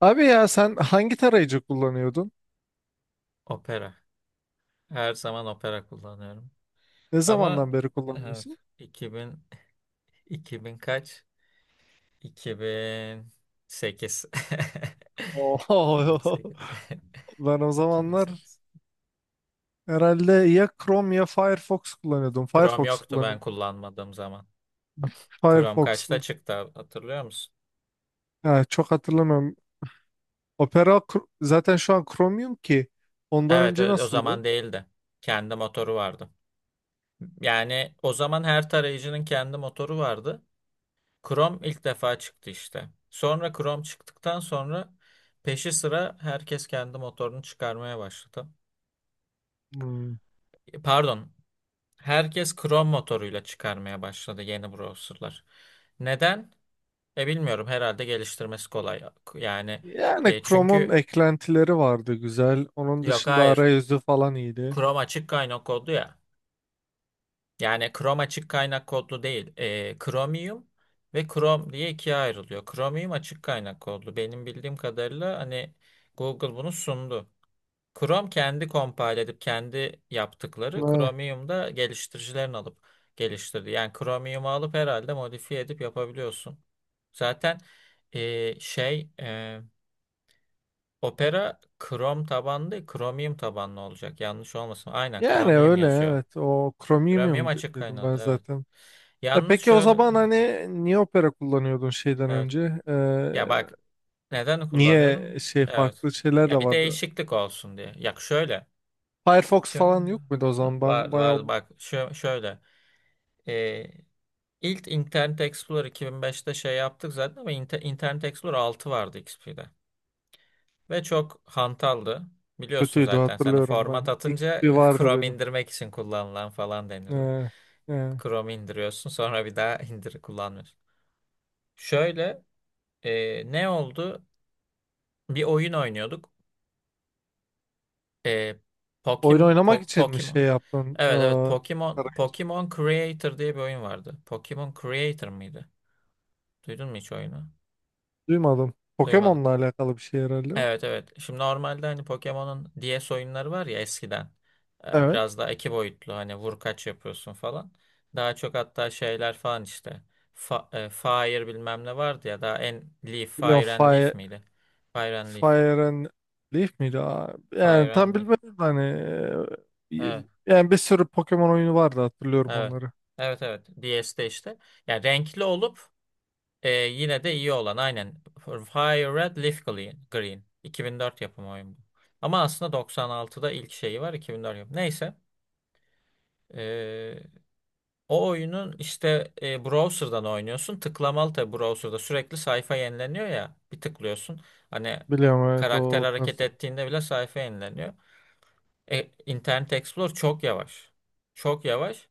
Abi ya sen hangi tarayıcı kullanıyordun? Opera. Her zaman Opera kullanıyorum. Ne Ama zamandan beri evet, kullanıyorsun? 2000 2000 kaç? 2008. Oho. 2008. Ben o zamanlar 2008. herhalde ya Chrome ya Firefox kullanıyordum. Chrome Firefox yoktu ben kullanıyordum. kullanmadığım zaman. Chrome kaçta Firefox'u. çıktı hatırlıyor musun? Yani çok hatırlamıyorum. Opera zaten şu an Chromium ki. Ondan Evet, önce o nasıldı? zaman değildi. Kendi motoru vardı. Yani o zaman her tarayıcının kendi motoru vardı. Chrome ilk defa çıktı işte. Sonra Chrome çıktıktan sonra peşi sıra herkes kendi motorunu çıkarmaya başladı. Hmm. Pardon, herkes Chrome motoruyla çıkarmaya başladı yeni browserlar. Neden? Bilmiyorum, herhalde geliştirmesi kolay. Yani Yani Chrome'un çünkü eklentileri vardı güzel. Onun yok, dışında hayır, arayüzü falan iyiydi. Chrome açık kaynak kodlu ya. Yani Chrome açık kaynak kodlu değil. Chromium ve Chrome diye ikiye ayrılıyor. Chromium açık kaynak kodlu. Benim bildiğim kadarıyla hani Google bunu sundu. Chrome kendi compile edip kendi yaptıkları Ha, Chromium'da geliştiricilerin alıp geliştirdi. Yani Chromium'u alıp herhalde modifiye edip yapabiliyorsun. Zaten e, şey e, Opera Chrome tabanlı değil, Chromium tabanlı olacak. Yanlış olmasın. Aynen yani Chromium öyle yazıyor. evet. O Chromium Chromium de- açık dedim ben kaynadı, evet. zaten. E Yalnız peki o şöyle zaman hani niye opera kullanıyordun şeyden evet. önce? Ya bak, neden Niye kullanıyordum? şey Evet. farklı şeyler de Ya bir vardı? değişiklik olsun diye. Ya şöyle. Firefox Şö- falan yok muydu o zaman? Ben Var bayağı var, bak, şöyle. E, ilk Internet Explorer 2005'te şey yaptık zaten ama Internet Explorer 6 vardı XP'de. Ve çok hantaldı. Biliyorsun kötüydü zaten, sen de hatırlıyorum format ben. atınca XP vardı Chrome benim. indirmek için kullanılan falan denirdi. Ee, e, Chrome indiriyorsun, sonra bir daha indir kullanmıyorsun. Şöyle ne oldu? Bir oyun oynuyorduk. E, Oyun oynamak için mi şey Pokemon. yaptın? Evet, evet, Arayı Pokemon Creator diye bir oyun vardı. Pokemon Creator mıydı? Duydun mu hiç oyunu? duymadım. Duymadın. Pokemon'la alakalı bir şey herhalde. O. Evet, evet. Şimdi normalde hani Pokemon'un DS oyunları var ya, eskiden. Evet. Biraz daha iki boyutlu, hani vur kaç yapıyorsun falan. Daha çok hatta şeyler falan işte. Fire bilmem ne vardı ya, daha en Leaf, Biliyorum Fire and Leaf Fire, miydi? Fire and Leaf. Fire and Leaf miydi? Aa, Fire yani and tam Leaf. bilmedim de hani. e, Evet, Yani bir sürü Pokemon oyunu vardı, hatırlıyorum evet. onları. Evet, evet. DS'de işte. Yani renkli olup yine de iyi olan aynen. Fire Red Leaf Green. Green. 2004 yapımı oyun bu. Ama aslında 96'da ilk şeyi var, 2004 yapımı. Neyse. Ee, O oyunun işte browser'dan oynuyorsun. Tıklamalı tabii, browser'da sürekli sayfa yenileniyor ya. Bir tıklıyorsun. Hani Biliyorum, evet, karakter o hareket tarz. ettiğinde bile sayfa yenileniyor. Internet Explorer çok yavaş. Çok yavaş.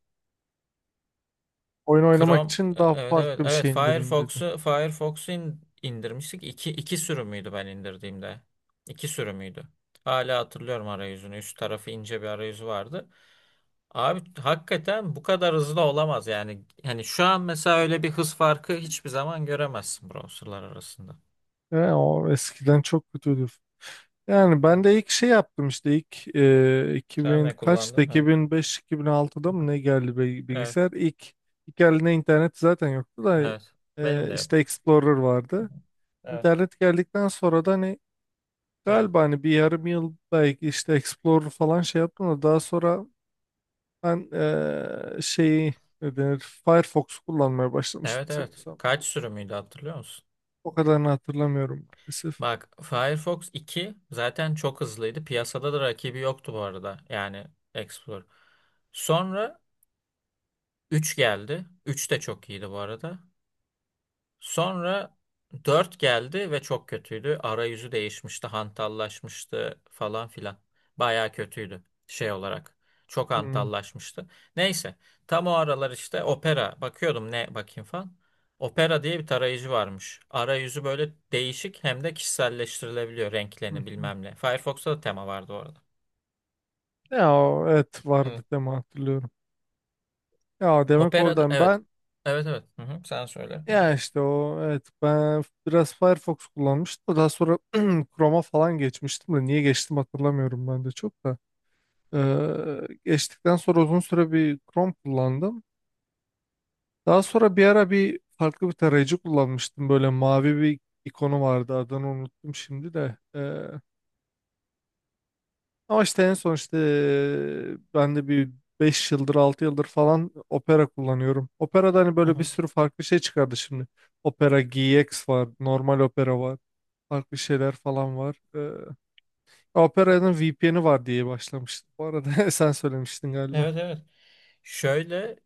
Oyun oynamak Chrome için daha evet, evet, farklı bir evet, şey indireyim dedi. Firefox'u indirmiştik. İki sürümüydü ben indirdiğimde. İki sürümüydü. Hala hatırlıyorum arayüzünü. Üst tarafı ince bir arayüzü vardı. Abi hakikaten bu kadar hızlı olamaz yani. Hani şu an mesela öyle bir hız farkı hiçbir zaman göremezsin browserlar arasında. Yani o eskiden çok kötüydü. Yani ben de ilk şey yaptım işte ilk Sen 2000 ne kaçtı, kullandın? Ha. Hı 2005-2006'da mı hı. ne geldi Evet, bilgisayar? İlk eline internet zaten yoktu da evet. Benim de işte yoktu. Explorer Hı hı. vardı. Evet, İnternet geldikten sonra da hani evet. galiba hani bir yarım yıl belki işte Explorer falan şey yaptım da daha sonra ben şeyi, ne denir, Firefox kullanmaya başlamıştım Evet, evet. sanırsam. Kaç sürümüydü hatırlıyor musun? O kadarını hatırlamıyorum maalesef. Bak, Firefox 2 zaten çok hızlıydı. Piyasada da rakibi yoktu bu arada. Yani Explorer. Sonra 3 geldi. 3 de çok iyiydi bu arada. Sonra 4 geldi ve çok kötüydü. Arayüzü değişmişti, hantallaşmıştı falan filan. Bayağı kötüydü şey olarak. Çok Hmm, hantallaşmıştı. Neyse, tam o aralar işte Opera, bakıyordum ne bakayım falan. Opera diye bir tarayıcı varmış. Arayüzü böyle değişik, hem de kişiselleştirilebiliyor hı renklerini hı. bilmem ne. Firefox'ta da tema vardı orada. Ya o, evet Evet. vardı deme hatırlıyorum. Ya demek Opera'da oradan evet. ben Evet, evet. Hı hı. Sen söyle. Hı hı. ya işte o evet ben biraz Firefox kullanmıştım. Daha sonra Chrome'a falan geçmiştim de niye geçtim hatırlamıyorum ben de çok da. Geçtikten sonra uzun süre bir Chrome kullandım. Daha sonra bir ara bir farklı bir tarayıcı kullanmıştım. Böyle mavi bir ikonu vardı. Adını unuttum şimdi de. Ama işte en son işte ben de bir 5 yıldır 6 yıldır falan Opera kullanıyorum. Opera'da hani Hı böyle bir hı. sürü farklı şey çıkardı şimdi. Opera GX var. Normal Opera var. Farklı şeyler falan var. Opera'nın VPN'i var diye başlamıştım. Bu arada sen söylemiştin galiba. Evet, evet. Şöyle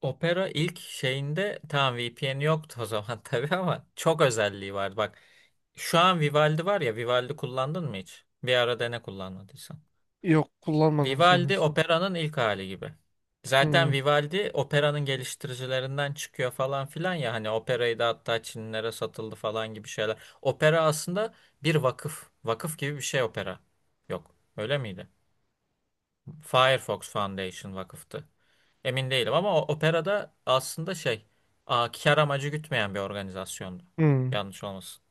Opera ilk şeyinde tamam, VPN yoktu o zaman, tabii, ama çok özelliği vardı. Bak, şu an Vivaldi var ya, Vivaldi kullandın mı hiç? Bir ara dene kullanmadıysan. Yok, kullanmadım Vivaldi sanıyorsam. Opera'nın ilk hali gibi. Hmm, Zaten Vivaldi Opera'nın geliştiricilerinden çıkıyor falan filan ya, hani Opera'yı da hatta Çinlilere satıldı falan gibi şeyler. Opera aslında bir vakıf. Vakıf gibi bir şey Opera. Yok. Öyle miydi? Firefox Foundation vakıftı. Emin değilim ama o Operada aslında şey, kar amacı gütmeyen bir organizasyondu. hmm. Yanlış olmasın.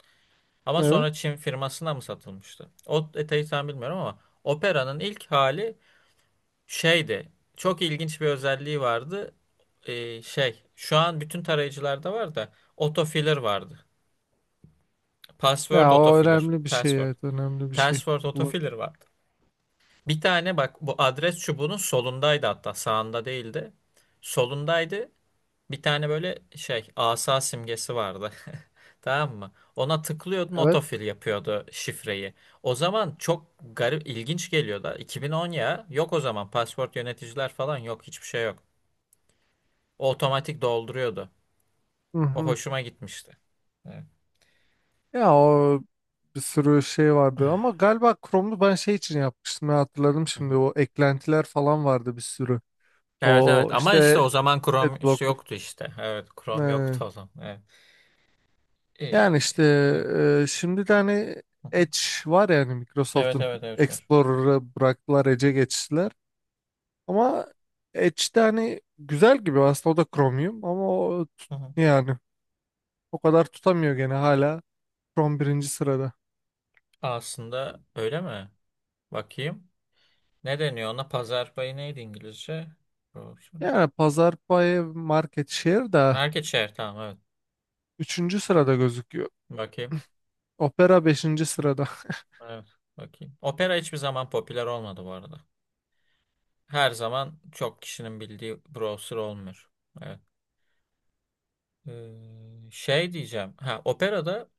Ama Evet. sonra Çin firmasına mı satılmıştı? O detayı tam bilmiyorum ama Operanın ilk hali şeydi. Çok ilginç bir özelliği vardı. Şey, şu an bütün tarayıcılarda var da autofiller vardı. Password Ya o autofiller. önemli bir şey, Password. evet, önemli bir şey. Password Kullan- autofiller vardı. Bir tane, bak, bu adres çubuğunun solundaydı, hatta sağında değildi. Solundaydı. Bir tane böyle şey asa simgesi vardı. Tamam mı? Ona tıklıyordun, Evet. otofil yapıyordu şifreyi. O zaman çok garip, ilginç geliyordu. 2010, ya yok, o zaman pasport yöneticiler falan yok, hiçbir şey yok. O otomatik dolduruyordu. Hı O hı. hoşuma gitmişti. Evet. Ya o bir sürü şey vardı ama galiba Chrome'u ben şey için yapmıştım ya, hatırladım Hı şimdi, hı. o eklentiler falan vardı bir sürü. Evet, evet, O ama işte işte o zaman Chrome işte Adblocker. yoktu işte. Evet, Chrome Ee, yoktu o zaman. Evet. Ee, Yani işte evet. Şimdi de hani Hı hı. Edge var yani Evet, Microsoft'un evet, evet, var. Explorer'ı bıraktılar, Edge'e geçtiler. Ama Edge'de hani güzel gibi aslında, o da Chromium, ama o Hı hı. yani o kadar tutamıyor gene hala. From birinci sırada. Aslında öyle mi? Bakayım. Ne deniyor ona? Pazar payı neydi İngilizce? Doğrusu. Yani Pazar payı, market share da Market share, tamam, evet. üçüncü sırada gözüküyor. Bakayım. Opera beşinci sırada. Evet, bakayım. Opera hiçbir zaman popüler olmadı bu arada. Her zaman çok kişinin bildiği browser olmuyor. Evet. Şey diyeceğim. Ha, Operada,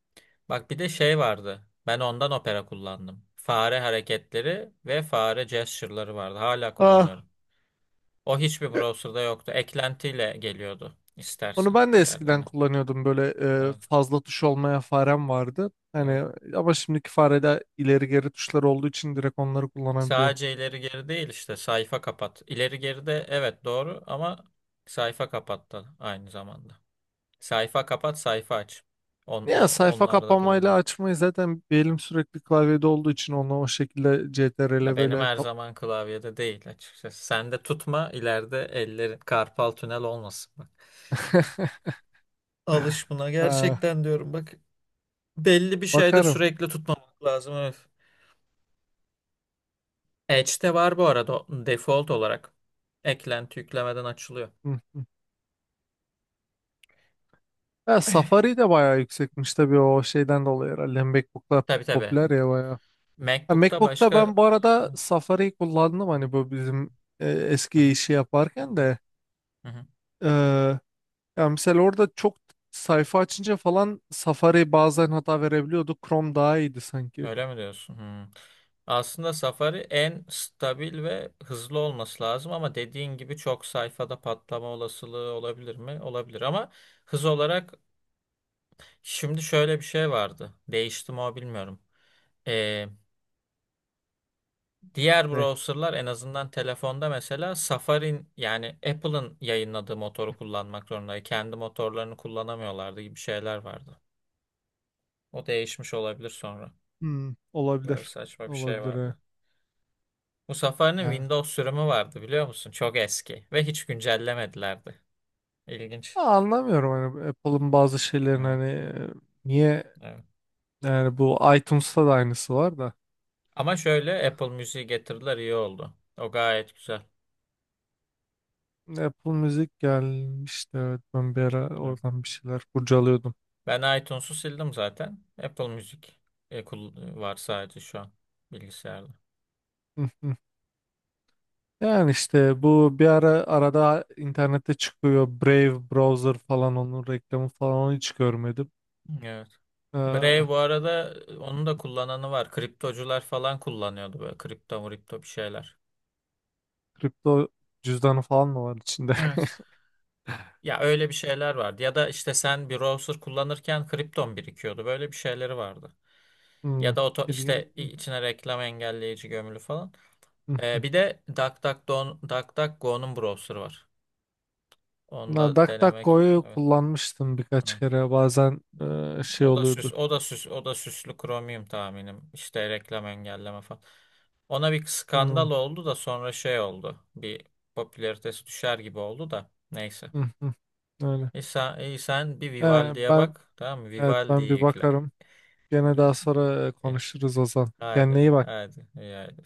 bak, bir de şey vardı. Ben ondan Opera kullandım. Fare hareketleri ve fare gesture'ları vardı. Hala Ah. kullanıyorum. O hiçbir e, browser'da yoktu. Eklentiyle geliyordu Onu istersen ben de eskiden diğerlerine. kullanıyordum böyle Evet. fazla tuş olmaya farem vardı. Evet. Hani ama şimdiki farede ileri geri tuşlar olduğu için direkt onları kullanabiliyorum. Sadece ileri geri değil, işte sayfa kapat. İleri geri de evet doğru ama sayfa kapat da aynı zamanda. Sayfa kapat, sayfa aç. Ya sayfa Onları da kapamayla kullanıyorum. açmayı zaten bir elim sürekli klavyede olduğu için onu o şekilde Ya CTRL benim böyle her zaman klavyede değil açıkçası. Sen de tutma, ileride ellerin karpal tünel olmasın bak. Alış buna Ha, gerçekten, diyorum bak. Belli bir şeyde bakarım. sürekli tutmamak lazım. Evet. Edge'de var bu arada o default olarak. Eklenti yüklemeden açılıyor. Hı hı. Ha, Safari de bayağı yüksekmiş tabii, o şeyden dolayı herhalde. MacBook'lar Tabii, tabii. popüler ya bayağı. Ha, MacBook'ta MacBook'ta başka. ben bu arada Safari kullandım hani bu bizim Hı eski hı, işi yaparken de. hı hı. E, Ya mesela orada çok sayfa açınca falan Safari bazen hata verebiliyordu. Chrome daha iyiydi sanki. Öyle mi diyorsun? Hmm. Aslında Safari en stabil ve hızlı olması lazım ama dediğin gibi çok sayfada patlama olasılığı olabilir mi? Olabilir, ama hız olarak şimdi şöyle bir şey vardı. Değişti mi o, bilmiyorum. Ee, Diğer Ne? browserlar en azından telefonda mesela Safari'nin, yani Apple'ın yayınladığı motoru kullanmak zorundaydı. Kendi motorlarını kullanamıyorlardı gibi şeyler vardı. O değişmiş olabilir sonra. Hmm, Böyle olabilir. saçma bir şey Olabilir. Ha. vardı. Bu Safari'nin Ya. Windows sürümü vardı, biliyor musun? Çok eski ve hiç güncellemedilerdi. Ha, İlginç. anlamıyorum hani Apple'ın bazı şeylerin Evet, hani niye evet. yani, bu iTunes'ta da aynısı var da. Ama şöyle, Apple Müziği getirdiler, iyi oldu. O gayet güzel. Apple Müzik gelmişti, evet, ben bir ara Evet. oradan bir şeyler kurcalıyordum. Ben iTunes'u sildim zaten. Apple Müzik var sadece şu an bilgisayarda. Hı hı. Yani işte bu bir ara arada internette çıkıyor Brave Browser falan, onun reklamı falan, onu hiç görmedim. Evet. Ee, Brave bu arada, onun da kullananı var. Kriptocular falan kullanıyordu, böyle kripto mripto bir şeyler. Kripto cüzdanı falan mı var içinde? Evet. Ya öyle bir şeyler vardı. Ya da işte sen bir browser kullanırken kripton birikiyordu. Böyle bir şeyleri vardı. Hmm, Ya da işte ilgin- içine reklam engelleyici gömülü falan. hı hı. Bir de DuckDuckGo, DuckDuckGo'nun browser'ı var. Onu Na, da denemek. DuckDuckGo'yu Evet. kullanmıştım birkaç Evet. kere, bazen Ya, şey oluyordu. O da süslü Chromium tahminim. İşte reklam engelleme falan. Ona bir skandal Hmm, oldu da sonra şey oldu. Bir popülaritesi düşer gibi oldu da. Neyse. öyle. İyi sen bir Vivaldi'ye Ben, bak. Tamam mı? evet, ben Vivaldi'yi bir yükle. bakarım. Gene daha Tamam. sonra İyi. konuşuruz Ozan. Kendine Haydi, iyi bak. haydi, iyi haydi.